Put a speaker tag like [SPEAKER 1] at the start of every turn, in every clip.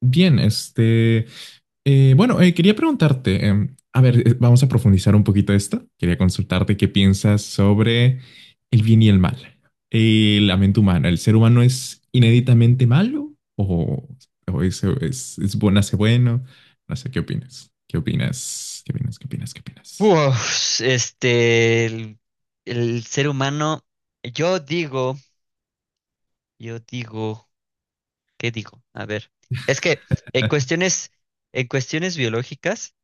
[SPEAKER 1] Bien, quería preguntarte, a ver, vamos a profundizar un poquito esto. Quería consultarte qué piensas sobre el bien y el mal. La mente humana. ¿El ser humano es inéditamente malo o, es bueno, hace bueno? No sé, ¿qué opinas? ¿Qué opinas? ¿Qué opinas? ¿Qué opinas? ¿Qué opinas?
[SPEAKER 2] Pues, el ser humano, yo digo, yo digo, ¿qué digo? A ver, es que en cuestiones, en cuestiones biológicas,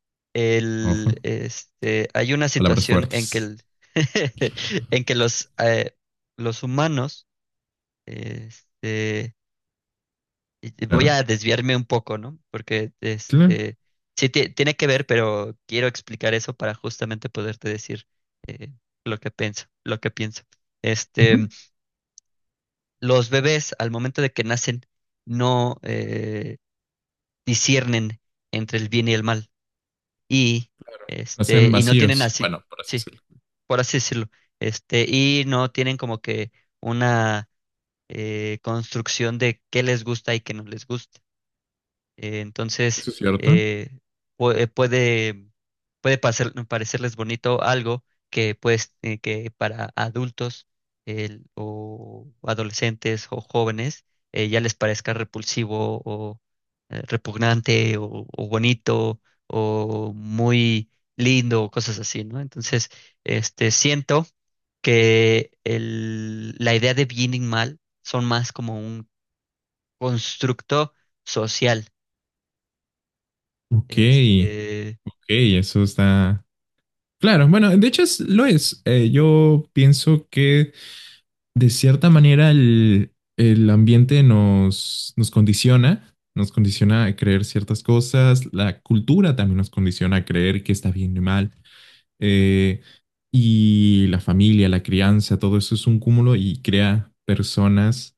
[SPEAKER 1] Ojo,
[SPEAKER 2] hay una
[SPEAKER 1] palabras
[SPEAKER 2] situación en que
[SPEAKER 1] fuertes.
[SPEAKER 2] en que los humanos, este, voy
[SPEAKER 1] Claro,
[SPEAKER 2] a desviarme un poco, ¿no? Porque
[SPEAKER 1] claro.
[SPEAKER 2] tiene que ver, pero quiero explicar eso para justamente poderte decir eh, lo que pienso. Este,
[SPEAKER 1] Ujú.
[SPEAKER 2] los bebés al momento de que nacen no disciernen entre el bien y el mal y
[SPEAKER 1] Nacen
[SPEAKER 2] y no tienen
[SPEAKER 1] vacíos.
[SPEAKER 2] así,
[SPEAKER 1] Bueno, por así
[SPEAKER 2] sí,
[SPEAKER 1] decirlo.
[SPEAKER 2] por así decirlo, y no tienen como que una construcción de qué les gusta y qué no les gusta. Entonces,
[SPEAKER 1] Eso es cierto.
[SPEAKER 2] eh, pu- eh, puede, parecerles bonito algo que, pues, que para adultos o adolescentes o jóvenes ya les parezca repulsivo o repugnante o bonito o muy lindo o cosas así, ¿no? Entonces, siento que la idea de bien y mal son más como un constructo social.
[SPEAKER 1] Ok,
[SPEAKER 2] este,
[SPEAKER 1] ok, eso está. Claro, bueno, de hecho es- lo es. Yo pienso que de cierta manera el ambiente nos condiciona a creer ciertas cosas, la cultura también nos condiciona a creer que está bien y mal, eh, y la familia, la crianza, todo eso es un cúmulo y crea personas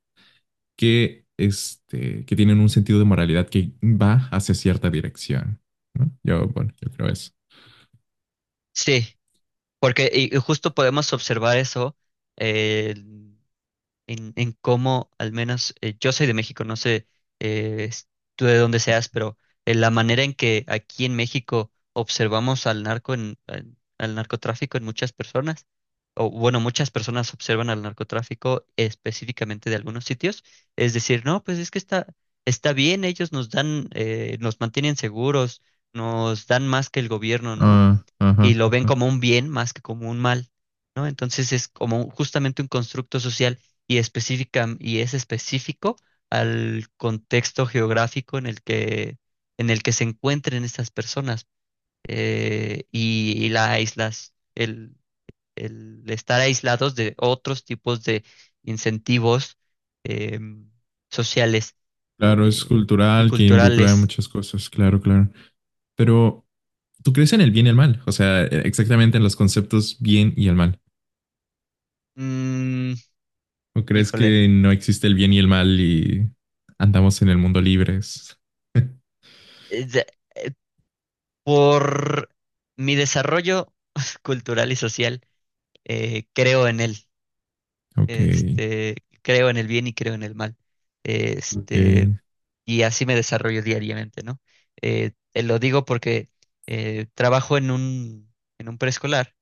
[SPEAKER 1] que, que tienen un sentido de moralidad que va hacia cierta dirección, ¿no? Yo, bueno, yo creo eso.
[SPEAKER 2] sí, porque y justo podemos observar eso eh, en cómo, al menos yo soy de México, no sé eh, s- tú de dónde seas, pero la manera en que aquí en México observamos al narco en, al narcotráfico en muchas personas, o bueno, muchas personas observan al narcotráfico específicamente de algunos sitios, es decir, no, pues es que está, está bien, ellos nos dan, nos mantienen seguros, nos dan más que el gobierno, ¿no?
[SPEAKER 1] Ah,
[SPEAKER 2] Y
[SPEAKER 1] ajá.
[SPEAKER 2] lo ven como un bien más que como un mal, ¿no? Entonces es como justamente un constructo social, y es específico al contexto geográfico en el que se encuentren estas personas. Y la aislas el estar aislados de otros tipos de incentivos, em, sociales
[SPEAKER 1] Claro, es
[SPEAKER 2] eh, y
[SPEAKER 1] cultural, que involucra
[SPEAKER 2] culturales.
[SPEAKER 1] muchas cosas, claro, claro. Pero, ¿tú crees en el bien y el mal? O sea, exactamente en los conceptos bien y el mal.
[SPEAKER 2] Mm,
[SPEAKER 1] ¿O crees
[SPEAKER 2] híjole.
[SPEAKER 1] que no existe el bien y el mal y andamos en el mundo libres?
[SPEAKER 2] Eh, ya- Por mi desarrollo cultural y social, creo en él.
[SPEAKER 1] Ok,
[SPEAKER 2] Este, creo en el bien y creo en el mal. Este,
[SPEAKER 1] ok.
[SPEAKER 2] y así me desarrollo diariamente, ¿no? Te lo digo porque trabajo en en un preescolar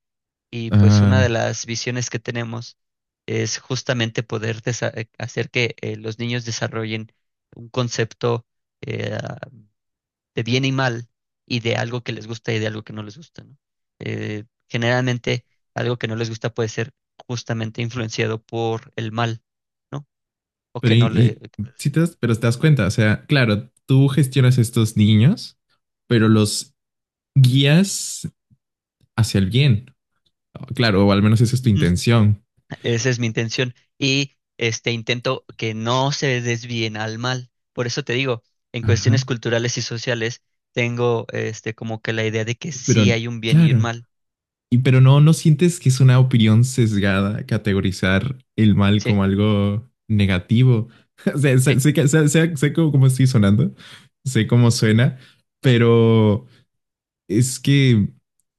[SPEAKER 2] y pues una de
[SPEAKER 1] Ah,
[SPEAKER 2] las visiones que tenemos es justamente poder hacer que los niños desarrollen un concepto eh, de bien y mal y de algo que les gusta y de algo que no les gusta, ¿no? Generalmente algo que no les gusta puede ser justamente influenciado por el mal, ¿no? O
[SPEAKER 1] pero,
[SPEAKER 2] que
[SPEAKER 1] y,
[SPEAKER 2] no le...
[SPEAKER 1] y- sí te das- pero te das cuenta, o sea, claro, tú gestionas estos niños, pero los guías hacia el bien. Claro, o al menos esa es tu
[SPEAKER 2] Ujú.
[SPEAKER 1] intención.
[SPEAKER 2] Esa es mi intención. Y intento que no se desvíen al mal. Por eso te digo, en
[SPEAKER 1] Ajá.
[SPEAKER 2] cuestiones culturales y sociales, tengo como que la idea de que sí
[SPEAKER 1] Pero,
[SPEAKER 2] hay un bien y un
[SPEAKER 1] claro.
[SPEAKER 2] mal.
[SPEAKER 1] Y pero no, ¿no sientes que es una opinión sesgada categorizar el mal
[SPEAKER 2] Sí,
[SPEAKER 1] como algo negativo? O sea,
[SPEAKER 2] sí,
[SPEAKER 1] sé cómo, cómo estoy sonando, sé cómo suena, pero es que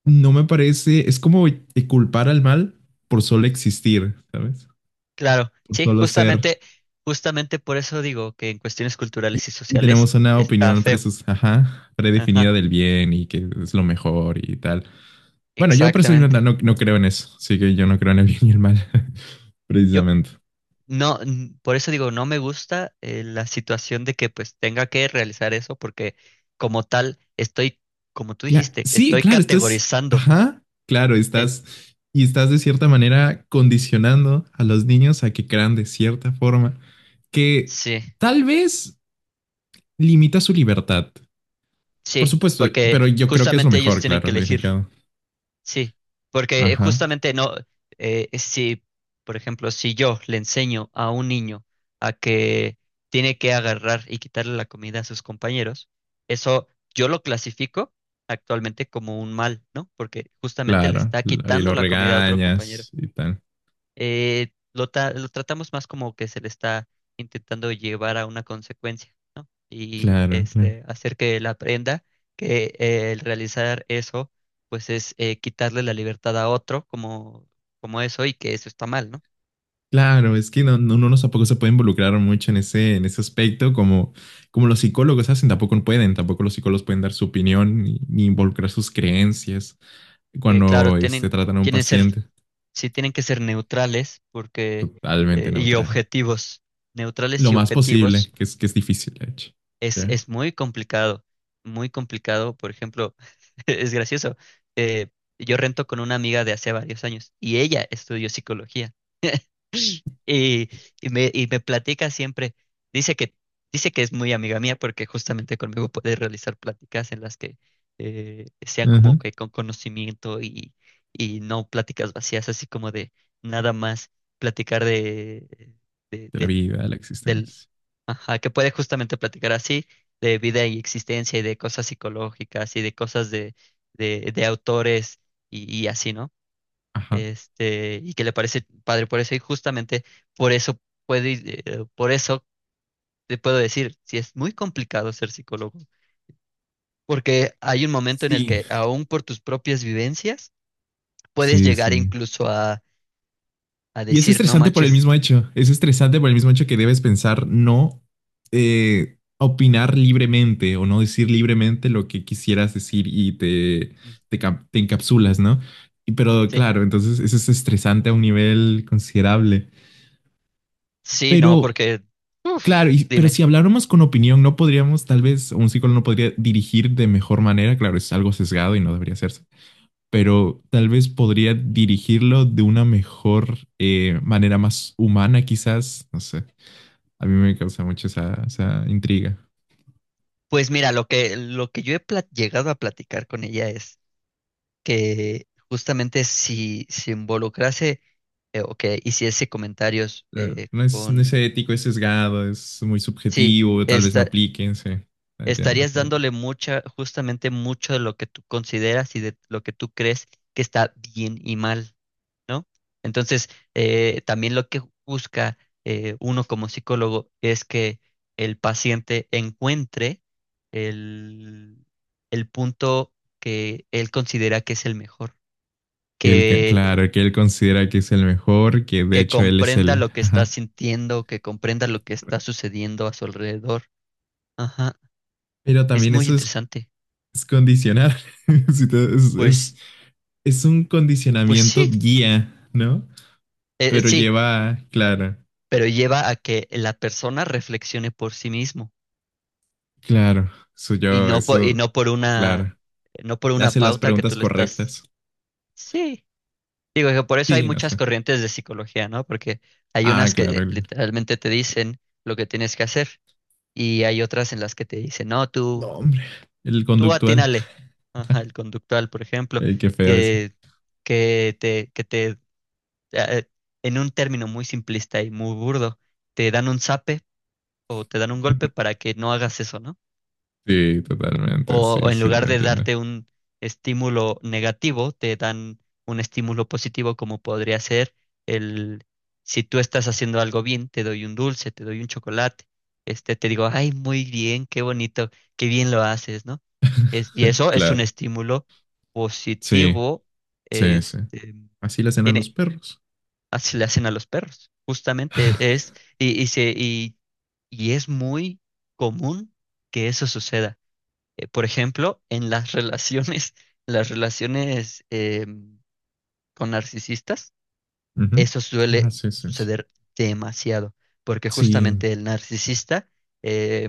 [SPEAKER 1] no me parece, es como culpar al mal por solo existir, ¿sabes?
[SPEAKER 2] claro.
[SPEAKER 1] Por
[SPEAKER 2] Sí,
[SPEAKER 1] solo ser.
[SPEAKER 2] justamente, justamente por eso digo que en cuestiones
[SPEAKER 1] Y
[SPEAKER 2] culturales y
[SPEAKER 1] y
[SPEAKER 2] sociales
[SPEAKER 1] tenemos una
[SPEAKER 2] está
[SPEAKER 1] opinión
[SPEAKER 2] feo.
[SPEAKER 1] presus, ajá, predefinida
[SPEAKER 2] Ajá,
[SPEAKER 1] del bien y que es lo mejor y tal. Bueno, yo personalmente
[SPEAKER 2] exactamente.
[SPEAKER 1] no, no creo en eso, así que yo no creo en el bien y el mal,
[SPEAKER 2] Yo
[SPEAKER 1] precisamente.
[SPEAKER 2] no, por eso digo, no me gusta la situación de que pues tenga que realizar eso, porque como tal, estoy, como tú
[SPEAKER 1] Cla-
[SPEAKER 2] dijiste,
[SPEAKER 1] sí,
[SPEAKER 2] estoy
[SPEAKER 1] claro, estás,
[SPEAKER 2] categorizando.
[SPEAKER 1] ajá, claro,
[SPEAKER 2] en-
[SPEAKER 1] estás y estás de cierta manera condicionando a los niños a que crean de cierta forma que
[SPEAKER 2] sí,
[SPEAKER 1] tal vez limita su libertad. Por
[SPEAKER 2] sí,
[SPEAKER 1] supuesto,
[SPEAKER 2] porque
[SPEAKER 1] pero yo creo que es lo
[SPEAKER 2] justamente ellos
[SPEAKER 1] mejor,
[SPEAKER 2] tienen que
[SPEAKER 1] claro, lo
[SPEAKER 2] elegir.
[SPEAKER 1] indicado.
[SPEAKER 2] Sí, porque
[SPEAKER 1] Ajá,
[SPEAKER 2] justamente no, si, por ejemplo, si yo le enseño a un niño a que tiene que agarrar y quitarle la comida a sus compañeros, eso yo lo clasifico actualmente como un mal, ¿no? Porque justamente le
[SPEAKER 1] claro,
[SPEAKER 2] está
[SPEAKER 1] y
[SPEAKER 2] quitando
[SPEAKER 1] lo
[SPEAKER 2] la comida a otro compañero.
[SPEAKER 1] regañas y tal.
[SPEAKER 2] Lo tratamos más como que se le está intentando llevar a una consecuencia, ¿no? Y
[SPEAKER 1] Claro, claro.
[SPEAKER 2] hacer que él aprenda que el realizar eso, pues es quitarle la libertad a otro como, como eso y que eso está mal, ¿no?
[SPEAKER 1] Claro, es que no, no, uno no tampoco se puede involucrar mucho en ese aspecto, como, como los psicólogos hacen, tampoco pueden, tampoco los psicólogos pueden dar su opinión ni, ni involucrar sus creencias
[SPEAKER 2] Claro,
[SPEAKER 1] cuando tratan a un
[SPEAKER 2] tienen ser,
[SPEAKER 1] paciente
[SPEAKER 2] sí tienen que ser neutrales porque,
[SPEAKER 1] totalmente
[SPEAKER 2] y
[SPEAKER 1] neutral.
[SPEAKER 2] objetivos, neutrales
[SPEAKER 1] Lo
[SPEAKER 2] y
[SPEAKER 1] más posible,
[SPEAKER 2] objetivos.
[SPEAKER 1] que es difícil, de hecho. ¿Ya?
[SPEAKER 2] Es muy complicado, muy complicado. Por ejemplo, es gracioso. eh, yo rento con una amiga de hace varios años y ella estudió psicología y, y y me platica siempre, dice que, dice que es muy amiga mía porque justamente conmigo puede realizar pláticas en las que sean como
[SPEAKER 1] Ajá.
[SPEAKER 2] que con conocimiento, y no pláticas vacías, así como de nada más platicar de,
[SPEAKER 1] De la
[SPEAKER 2] del
[SPEAKER 1] vida, de la
[SPEAKER 2] del...
[SPEAKER 1] existencia.
[SPEAKER 2] Ajá, que puede justamente platicar así de vida y existencia y de cosas psicológicas y de cosas de autores, y así, ¿no?
[SPEAKER 1] Ajá.
[SPEAKER 2] Y que le parece padre por eso y justamente por eso por eso te puedo decir, si es muy complicado ser psicólogo, porque hay un momento en el
[SPEAKER 1] Sí,
[SPEAKER 2] que aún por tus propias vivencias puedes
[SPEAKER 1] sí,
[SPEAKER 2] llegar
[SPEAKER 1] sí.
[SPEAKER 2] incluso a
[SPEAKER 1] Y es
[SPEAKER 2] decir, no
[SPEAKER 1] estresante por el
[SPEAKER 2] manches.
[SPEAKER 1] mismo hecho. Es estresante por el mismo hecho que debes pensar no opinar libremente o no decir libremente lo que quisieras decir
[SPEAKER 2] Mm,
[SPEAKER 1] cap- te encapsulas, ¿no? Y, pero
[SPEAKER 2] sí,
[SPEAKER 1] claro, entonces eso es estresante a un nivel considerable.
[SPEAKER 2] sí, no,
[SPEAKER 1] Pero
[SPEAKER 2] porque,
[SPEAKER 1] claro,
[SPEAKER 2] uff...
[SPEAKER 1] y- pero si habláramos con opinión, no podríamos, tal vez, un psicólogo no podría dirigir de mejor manera. Claro, es algo sesgado y no debería hacerse pero tal vez podría dirigirlo de una mejor manera más humana, quizás. No sé. A mí me causa mucho esa, esa intriga.
[SPEAKER 2] Pues mira, lo que yo he llegado a platicar con ella es que justamente si se involucrase o que hiciese comentarios
[SPEAKER 1] No es, no es ético, es sesgado, es muy
[SPEAKER 2] sí,
[SPEAKER 1] subjetivo, tal vez no
[SPEAKER 2] esta-
[SPEAKER 1] apliquen, sí. Entiendo.
[SPEAKER 2] estarías
[SPEAKER 1] Todo.
[SPEAKER 2] dándole mucha, justamente mucho de lo que tú consideras y de lo que tú crees que está bien y mal, ¿no? Entonces, también lo que busca uno como psicólogo es que el paciente encuentre el, el punto que él considera que es el mejor,
[SPEAKER 1] Que él, que-
[SPEAKER 2] que,
[SPEAKER 1] claro, que él considera que es el mejor, que de
[SPEAKER 2] que
[SPEAKER 1] hecho él es
[SPEAKER 2] comprenda
[SPEAKER 1] el.
[SPEAKER 2] lo que está
[SPEAKER 1] Ajá.
[SPEAKER 2] sintiendo, que comprenda lo que está sucediendo a su alrededor. Ajá,
[SPEAKER 1] Pero
[SPEAKER 2] es
[SPEAKER 1] también
[SPEAKER 2] muy
[SPEAKER 1] eso
[SPEAKER 2] interesante.
[SPEAKER 1] es condicionar. Si te-
[SPEAKER 2] Pues,
[SPEAKER 1] es un
[SPEAKER 2] pues
[SPEAKER 1] condicionamiento
[SPEAKER 2] sí,
[SPEAKER 1] guía, ¿no? Pero
[SPEAKER 2] sí,
[SPEAKER 1] lleva, claro.
[SPEAKER 2] pero lleva a que la persona reflexione por sí mismo.
[SPEAKER 1] Claro, soy yo,
[SPEAKER 2] Y
[SPEAKER 1] eso,
[SPEAKER 2] no por una,
[SPEAKER 1] claro.
[SPEAKER 2] no por
[SPEAKER 1] Le
[SPEAKER 2] una
[SPEAKER 1] hace las
[SPEAKER 2] pauta que tú
[SPEAKER 1] preguntas
[SPEAKER 2] le estás.
[SPEAKER 1] correctas.
[SPEAKER 2] Sí. Digo que por eso hay
[SPEAKER 1] Sí, no
[SPEAKER 2] muchas
[SPEAKER 1] sé.
[SPEAKER 2] corrientes de psicología, ¿no? Porque hay
[SPEAKER 1] Ah,
[SPEAKER 2] unas
[SPEAKER 1] claro,
[SPEAKER 2] que
[SPEAKER 1] el
[SPEAKER 2] literalmente te dicen lo que tienes que hacer y hay otras en las que te dicen, no,
[SPEAKER 1] no,
[SPEAKER 2] tú,
[SPEAKER 1] hombre, el
[SPEAKER 2] tú
[SPEAKER 1] conductual.
[SPEAKER 2] atínale. Ajá, el conductual, por ejemplo,
[SPEAKER 1] Ey, qué feo eso.
[SPEAKER 2] que, que te, eh, en un término muy simplista y muy burdo, te dan un zape o te dan un golpe para que no hagas eso, ¿no?
[SPEAKER 1] Sí, totalmente,
[SPEAKER 2] O,
[SPEAKER 1] sí,
[SPEAKER 2] o en
[SPEAKER 1] sí,
[SPEAKER 2] lugar de
[SPEAKER 1] entiendo.
[SPEAKER 2] darte un estímulo negativo, te dan un estímulo positivo como podría ser el, si tú estás haciendo algo bien, te doy un dulce, te doy un chocolate, te digo, ay, muy bien, qué bonito, qué bien lo haces, ¿no? Es, y eso es un
[SPEAKER 1] Claro,
[SPEAKER 2] estímulo
[SPEAKER 1] sí,
[SPEAKER 2] positivo.
[SPEAKER 1] sí, sí.
[SPEAKER 2] este,
[SPEAKER 1] Así le hacen a los
[SPEAKER 2] tiene,
[SPEAKER 1] perros.
[SPEAKER 2] Así le hacen a los perros, justamente es, y, y se, y, y es muy común que eso suceda por ejemplo, en las relaciones, las relaciones con narcisistas,
[SPEAKER 1] Ujú.
[SPEAKER 2] eso suele
[SPEAKER 1] Ah, sí, sí, sí.
[SPEAKER 2] suceder demasiado, porque
[SPEAKER 1] Sí,
[SPEAKER 2] justamente el narcisista, eh,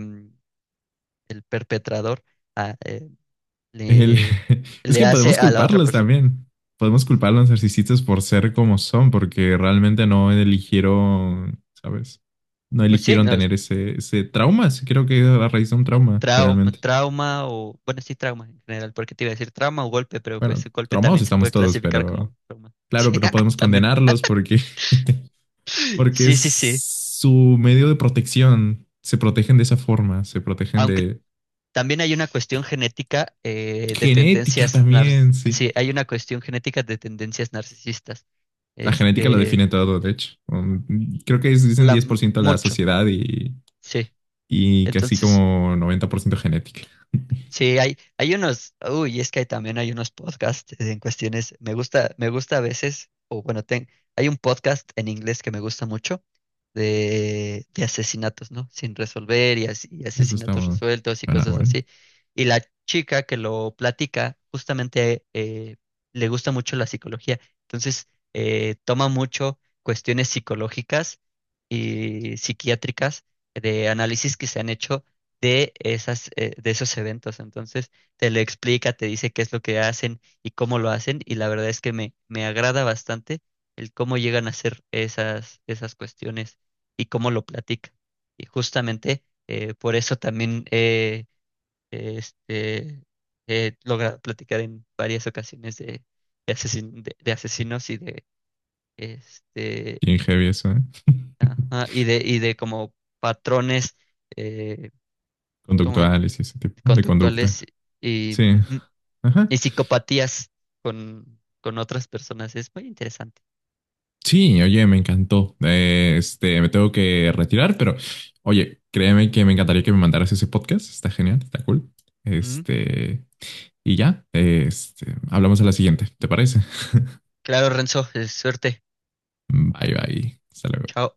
[SPEAKER 2] el perpetrador, ah, eh,
[SPEAKER 1] el-
[SPEAKER 2] le,
[SPEAKER 1] es
[SPEAKER 2] le
[SPEAKER 1] que
[SPEAKER 2] hace
[SPEAKER 1] podemos
[SPEAKER 2] a la otra
[SPEAKER 1] culparlos
[SPEAKER 2] persona.
[SPEAKER 1] también. Podemos culpar a los narcisistas por ser como son, porque realmente no eligieron, ¿sabes? No
[SPEAKER 2] Pues sí,
[SPEAKER 1] eligieron
[SPEAKER 2] no, es
[SPEAKER 1] tener ese, ese trauma. Sí, creo que es la raíz de un
[SPEAKER 2] un
[SPEAKER 1] trauma, generalmente.
[SPEAKER 2] trauma o, bueno, sí, trauma en general, porque te iba a decir trauma o golpe, pero pues
[SPEAKER 1] Bueno,
[SPEAKER 2] el golpe
[SPEAKER 1] traumados
[SPEAKER 2] también se
[SPEAKER 1] estamos
[SPEAKER 2] puede
[SPEAKER 1] todos,
[SPEAKER 2] clasificar
[SPEAKER 1] pero
[SPEAKER 2] como trauma.
[SPEAKER 1] claro, pero no
[SPEAKER 2] Sí,
[SPEAKER 1] podemos
[SPEAKER 2] también.
[SPEAKER 1] condenarlos porque, porque
[SPEAKER 2] Sí, sí, sí.
[SPEAKER 1] es su medio de protección. Se protegen de esa forma, se protegen
[SPEAKER 2] aunque
[SPEAKER 1] de
[SPEAKER 2] También hay una cuestión genética de
[SPEAKER 1] genética también, sí.
[SPEAKER 2] sí, hay una cuestión genética de tendencias narcisistas.
[SPEAKER 1] La genética lo define
[SPEAKER 2] Este,
[SPEAKER 1] todo, de hecho. Creo que es- dicen
[SPEAKER 2] la,
[SPEAKER 1] 10% la
[SPEAKER 2] Mucho,
[SPEAKER 1] sociedad
[SPEAKER 2] sí.
[SPEAKER 1] y casi
[SPEAKER 2] Entonces,
[SPEAKER 1] como 90% genética.
[SPEAKER 2] sí, hay unos, uy, es que también hay unos podcasts en cuestiones, me gusta a veces, o bueno, ten, hay un podcast en inglés que me gusta mucho de asesinatos, ¿no? Sin resolver y, y
[SPEAKER 1] Eso está
[SPEAKER 2] asesinatos
[SPEAKER 1] bueno.
[SPEAKER 2] resueltos y
[SPEAKER 1] Suena
[SPEAKER 2] cosas
[SPEAKER 1] bueno.
[SPEAKER 2] así. Y la chica que lo platica, justamente le gusta mucho la psicología, entonces toma mucho cuestiones psicológicas y psiquiátricas de análisis que se han hecho de esas, de esos eventos. Entonces, te lo explica, te dice qué es lo que hacen y cómo lo hacen, y la verdad es que me agrada bastante el cómo llegan a hacer esas, esas cuestiones y cómo lo platica. Y justamente por eso también este, he logrado platicar en varias ocasiones de asesinos y de este
[SPEAKER 1] Bien heavy eso, ¿eh?
[SPEAKER 2] ajá, y de como patrones eh, como
[SPEAKER 1] Conductuales y ese tipo de
[SPEAKER 2] conductuales
[SPEAKER 1] conducta.
[SPEAKER 2] y,
[SPEAKER 1] Sí.
[SPEAKER 2] ujú, y
[SPEAKER 1] Ajá.
[SPEAKER 2] psicopatías con otras personas. Es muy interesante.
[SPEAKER 1] Sí, oye, me encantó. Me tengo que retirar, pero oye, créeme que me encantaría que me mandaras ese podcast. Está genial, está cool.
[SPEAKER 2] Ujú.
[SPEAKER 1] Este, y ya, hablamos a la siguiente, ¿te parece?
[SPEAKER 2] Claro, Renzo, suerte.
[SPEAKER 1] Bye, bye. Hasta luego.
[SPEAKER 2] Chao.